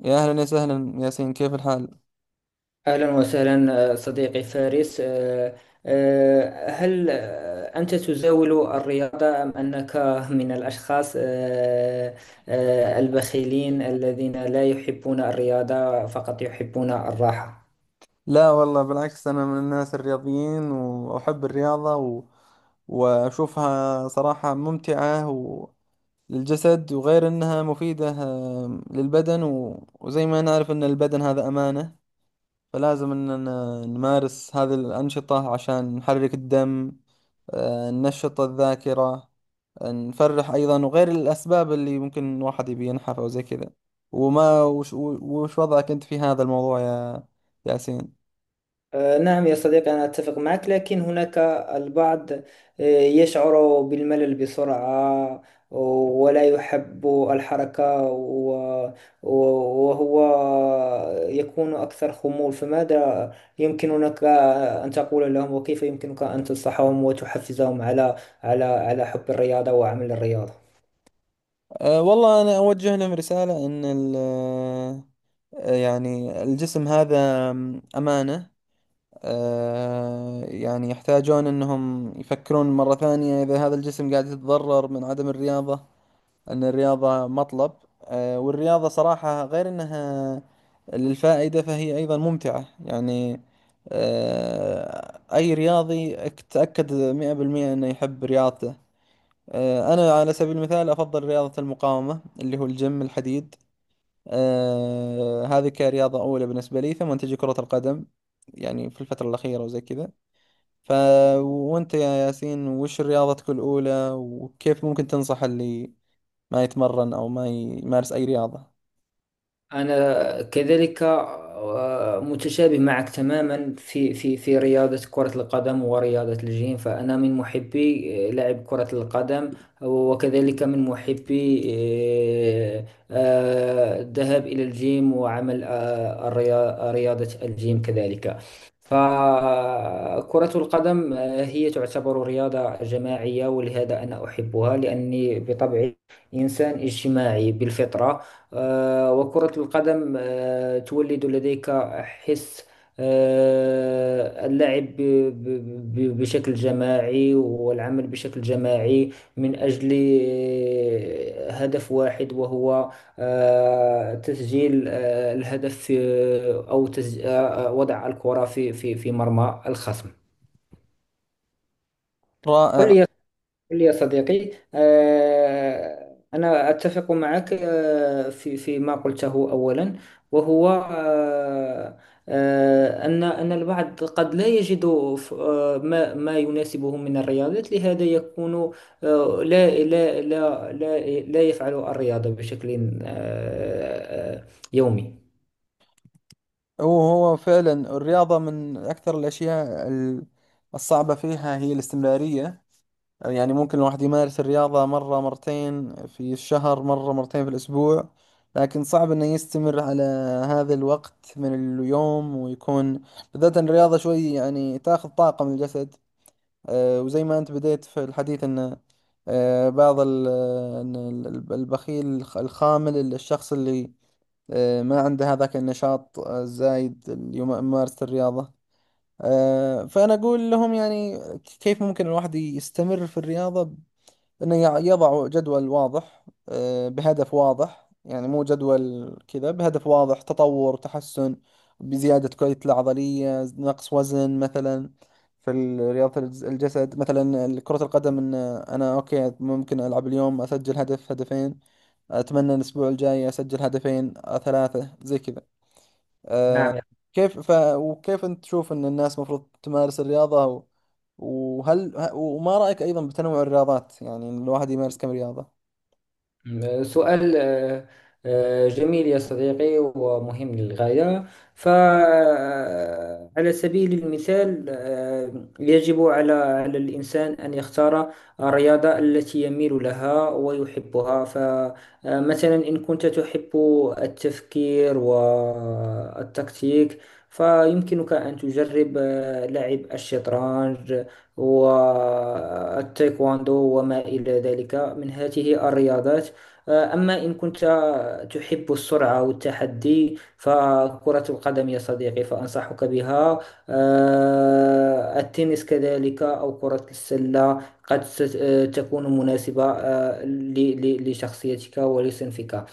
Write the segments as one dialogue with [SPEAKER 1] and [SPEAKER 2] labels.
[SPEAKER 1] يا أهلا يا سهلا ياسين، كيف الحال؟
[SPEAKER 2] أهلا وسهلا صديقي فارس هل أنت تزاول الرياضة أم أنك من الأشخاص البخيلين الذين لا يحبون الرياضة فقط يحبون الراحة؟
[SPEAKER 1] لا والله، بالعكس أنا من الناس الرياضيين وأحب الرياضة وأشوفها صراحة ممتعة للجسد، وغير أنها مفيدة، للبدن وزي ما نعرف أن البدن هذا أمانة، فلازم أننا نمارس هذه الأنشطة عشان نحرك الدم، ننشط الذاكرة، نفرح أيضا، وغير الأسباب اللي ممكن الواحد يبي ينحف أو زي كذا. وش وضعك أنت في هذا الموضوع يا ياسين؟
[SPEAKER 2] نعم يا صديقي، أنا أتفق معك لكن هناك البعض يشعر بالملل بسرعة ولا يحب الحركة وهو يكون أكثر خمول. فماذا يمكنك أن تقول لهم؟ وكيف يمكنك أن تنصحهم وتحفزهم على على حب الرياضة وعمل الرياضة؟
[SPEAKER 1] أه والله، أنا أوجه لهم رسالة، إن ال آه، يعني الجسم هذا أمانة. يعني يحتاجون أنهم يفكرون مرة ثانية، إذا هذا الجسم قاعد يتضرر من عدم الرياضة، أن الرياضة مطلب. والرياضة صراحة غير أنها للفائدة فهي أيضا ممتعة. يعني أي رياضي، تأكد 100% أنه يحب رياضته. أنا على سبيل المثال أفضل رياضة المقاومة، اللي هو الجيم، الحديد. هذه كرياضة أولى بالنسبة لي، ثم تجي كرة القدم، يعني في الفترة الأخيرة وزي كذا. ف وأنت يا ياسين، وش رياضتك الأولى، وكيف ممكن تنصح اللي ما يتمرن أو ما يمارس أي رياضة؟
[SPEAKER 2] أنا كذلك متشابه معك تماما في في رياضة كرة القدم ورياضة الجيم، فأنا من محبي لعب كرة القدم، وكذلك من محبي الذهاب إلى الجيم وعمل رياضة الجيم كذلك. فكرة القدم هي تعتبر رياضة جماعية، ولهذا أنا أحبها لأني بطبعي إنسان اجتماعي بالفطرة. وكرة القدم تولد لديك حس اللعب بشكل جماعي، والعمل بشكل جماعي من أجل هدف واحد، وهو تسجيل الهدف، أو تسج... آه، آه، وضع الكرة في في مرمى الخصم. قل
[SPEAKER 1] رائع.
[SPEAKER 2] لي، يا صديقي، أنا أتفق معك في ما قلته أولا، وهو أن البعض قد لا يجد ما يناسبه من الرياضات، لهذا يكون لا يفعل الرياضة بشكل آه، آه، يومي.
[SPEAKER 1] هو هو فعلا الرياضة من أكثر الأشياء، الصعبة فيها هي الاستمرارية. يعني ممكن الواحد يمارس الرياضة مرة مرتين في الشهر، مرة مرتين في الأسبوع، لكن صعب إنه يستمر على هذا الوقت من اليوم، ويكون بالذات إن الرياضة شوي يعني تاخذ طاقة من الجسد. وزي ما أنت بديت في الحديث، إن آه، بعض ال- إن ال- البخيل، الخامل، الشخص اللي ما عنده هذاك النشاط الزايد، اللي يمارس الرياضة. فأنا أقول لهم يعني، كيف ممكن الواحد يستمر في الرياضة؟ انه يضع جدول واضح، بهدف واضح، يعني مو جدول كذا، بهدف واضح، تطور، تحسن، بزيادة كتلة العضلية، نقص وزن مثلا. في رياضة الجسد، مثلا كرة القدم، ان انا اوكي، ممكن العب اليوم اسجل هدف هدفين، اتمنى الاسبوع الجاي اسجل هدفين، ثلاثة زي كذا. آه،
[SPEAKER 2] نعم،
[SPEAKER 1] كيف ف... وكيف أنت تشوف أن الناس المفروض تمارس الرياضة؟ وهل وما رأيك أيضا بتنوع الرياضات؟ يعني إن الواحد يمارس كم رياضة؟
[SPEAKER 2] سؤال جميل يا صديقي ومهم للغاية. فعلى سبيل المثال، يجب على الإنسان أن يختار الرياضة التي يميل لها ويحبها. فمثلا، إن كنت تحب التفكير والتكتيك، فيمكنك أن تجرب لعب الشطرنج والتايكواندو وما إلى ذلك من هذه الرياضات. أما إن كنت تحب السرعة والتحدي، فكرة القدم يا صديقي فأنصحك بها. التنس كذلك، أو كرة السلة، قد تكون مناسبة لشخصيتك ولصنفك.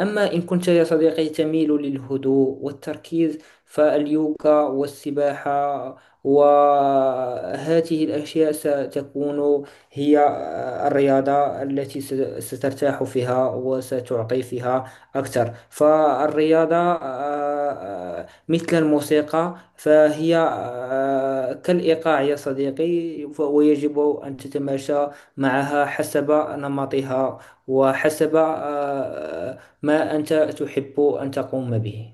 [SPEAKER 2] أما إن كنت يا صديقي تميل للهدوء والتركيز، فاليوغا والسباحة وهذه الأشياء ستكون هي الرياضة التي سترتاح فيها وستعطي فيها أكثر. فالرياضة آه، مثل الموسيقى، فهي كالإيقاع يا صديقي، ويجب أن تتماشى معها حسب نمطها وحسب ما أنت تحب أن تقوم به.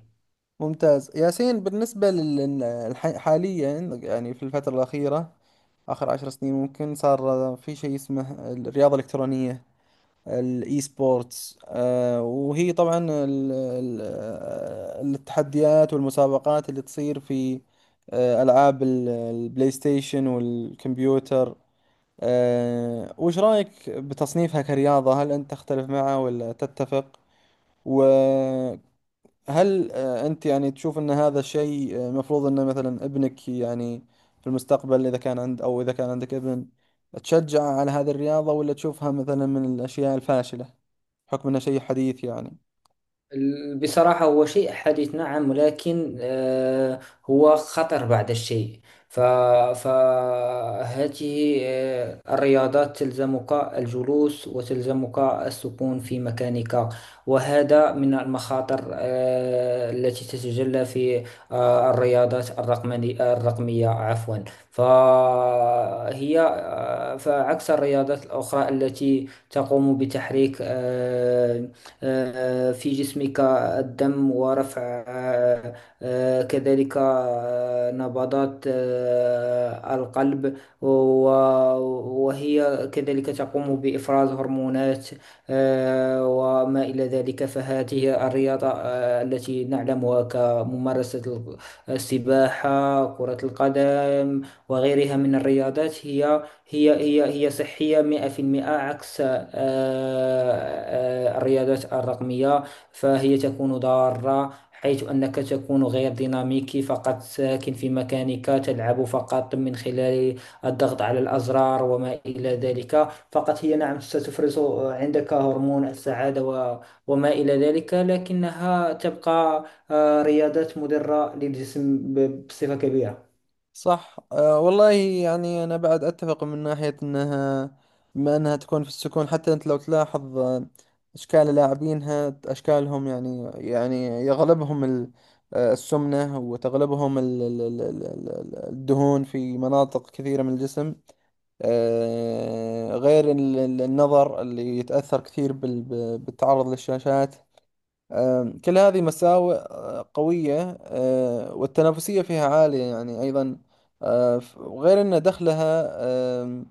[SPEAKER 1] ممتاز ياسين. بالنسبة حاليا، يعني في الفترة الأخيرة، آخر 10 سنين، ممكن صار في شيء اسمه الرياضة الإلكترونية، الإي سبورتس. وهي طبعا ال... ال... آه، التحديات والمسابقات اللي تصير في ألعاب البلاي ستيشن والكمبيوتر. أه، وش رأيك بتصنيفها كرياضة؟ هل أنت تختلف معه ولا تتفق؟ وهل أنت يعني تشوف أن هذا الشيء مفروض أن مثلا ابنك، يعني في المستقبل، إذا كان عند، أو إذا كان عندك ابن، تشجعه على هذه الرياضة، ولا تشوفها مثلا من الأشياء الفاشلة، بحكم أنها شيء حديث يعني؟
[SPEAKER 2] بصراحة هو شيء حديث نعم، ولكن هو خطر بعض الشيء. ف- فهذه الرياضات تلزمك الجلوس وتلزمك السكون في مكانك، وهذا من المخاطر التي تتجلى في الرياضات الرقمية، عفوا. فهي عكس الرياضات الأخرى التي تقوم بتحريك في جسمك الدم، ورفع آه، كذلك نبضات القلب، و- وهي كذلك تقوم بإفراز هرمونات وما إلى ذلك. فهذه الرياضة التي نعلمها كممارسة السباحة، كرة القدم، وغيرها من الرياضات، هي صحية 100%، عكس الرياضات الرقمية، فهي تكون ضارة، حيث أنك تكون غير ديناميكي، فقط ساكن في مكانك، تلعب فقط من خلال الضغط على الأزرار وما إلى ذلك فقط. هي نعم ستفرز عندك هرمون السعادة وما إلى ذلك، لكنها تبقى رياضات مضرة للجسم بصفة كبيرة.
[SPEAKER 1] صح. أه والله، يعني أنا بعد أتفق، من ناحية أنها، بما أنها تكون في السكون، حتى أنت لو تلاحظ أشكال لاعبينها، أشكالهم، يعني يغلبهم السمنة، وتغلبهم الدهون في مناطق كثيرة من الجسم. غير النظر اللي يتأثر كثير بالتعرض للشاشات. كل هذه مساوئ قوية، والتنافسية فيها عالية يعني أيضا. وغير أن دخلها، آم،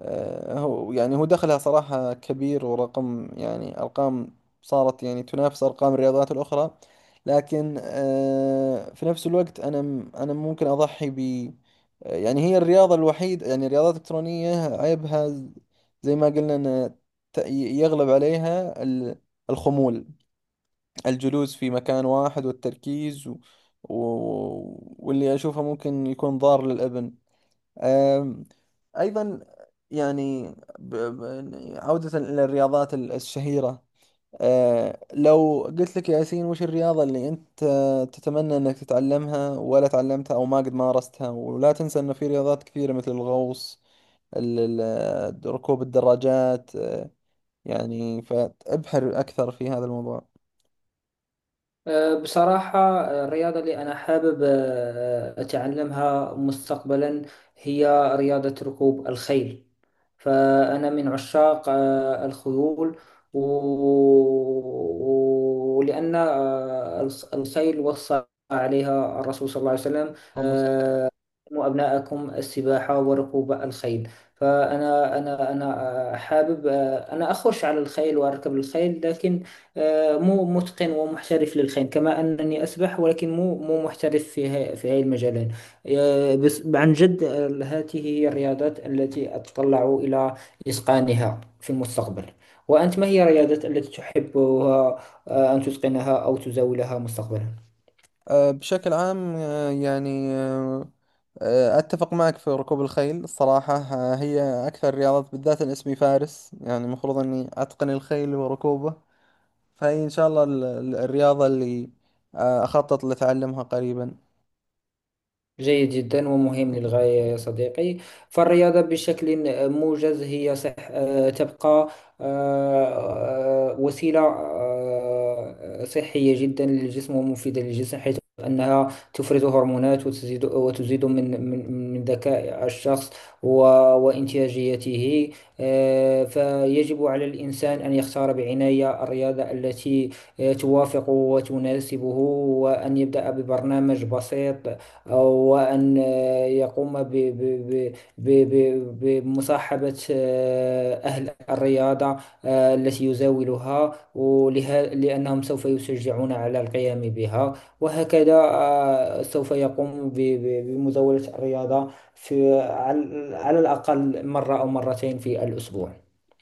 [SPEAKER 1] آه، هو يعني دخلها صراحة كبير، ورقم، يعني أرقام صارت يعني تنافس أرقام الرياضات الأخرى. لكن في نفس الوقت، أنا ممكن أضحي ب آه، يعني هي الرياضة الوحيدة، يعني الرياضات الإلكترونية عيبها، زي ما قلنا، أن يغلب عليها الخمول، الجلوس في مكان واحد والتركيز و... واللي أشوفه ممكن يكون ضار للابن، أم، أيضا. يعني ب... ب... عودة إلى الرياضات الشهيرة. أه، لو قلت لك يا ياسين، وش الرياضة اللي أنت تتمنى أنك تتعلمها ولا تعلمتها، أو ما قد مارستها؟ ولا تنسى أنه في رياضات كثيرة، مثل الغوص، ركوب الدراجات. أه، يعني فابحر أكثر في هذا الموضوع.
[SPEAKER 2] أه، بصراحة أه، الرياضة اللي أنا حابب أتعلمها مستقبلا هي رياضة ركوب الخيل. فأنا من عشاق الخيول، ولأن الخيل وصى عليها الرسول صلى الله عليه وسلم: علموا أبناءكم السباحة وركوب الخيل. فأنا أنا حابب، أنا أخش على الخيل وأركب الخيل، لكن مو متقن ومحترف للخيل، كما أنني أسبح ولكن مو محترف في في هاي المجالين. بس عن جد، هذه هي الرياضات التي أتطلع إلى إتقانها في المستقبل. وأنت، ما هي الرياضات التي تحبها أن تتقنها أو تزاولها مستقبلا؟
[SPEAKER 1] بشكل عام، أتفق معك في ركوب الخيل. الصراحة هي أكثر الرياضات، بالذات أن اسمي فارس، يعني المفروض أني أتقن الخيل وركوبه. فهي إن شاء الله الرياضة اللي أخطط لأتعلمها قريبا.
[SPEAKER 2] جيد جدا ومهم للغاية يا صديقي. فالرياضة بشكل موجز هي صح، تبقى وسيلة صحية جدا للجسم ومفيدة للجسم، حيث أنها تفرز هرمونات، وتزيد من من ذكاء الشخص و- وإنتاجيته. فيجب على الإنسان أن يختار بعناية الرياضة التي توافق وتناسبه، وأن يبدأ ببرنامج بسيط، وأن يقوم بمصاحبة أهل الرياضة التي يزاولها ولها، لأنهم سوف يشجعون على القيام بها. وهكذا سوف يقوم بمزاولة الرياضة في على الأقل مرة أو مرتين في الأسبوع.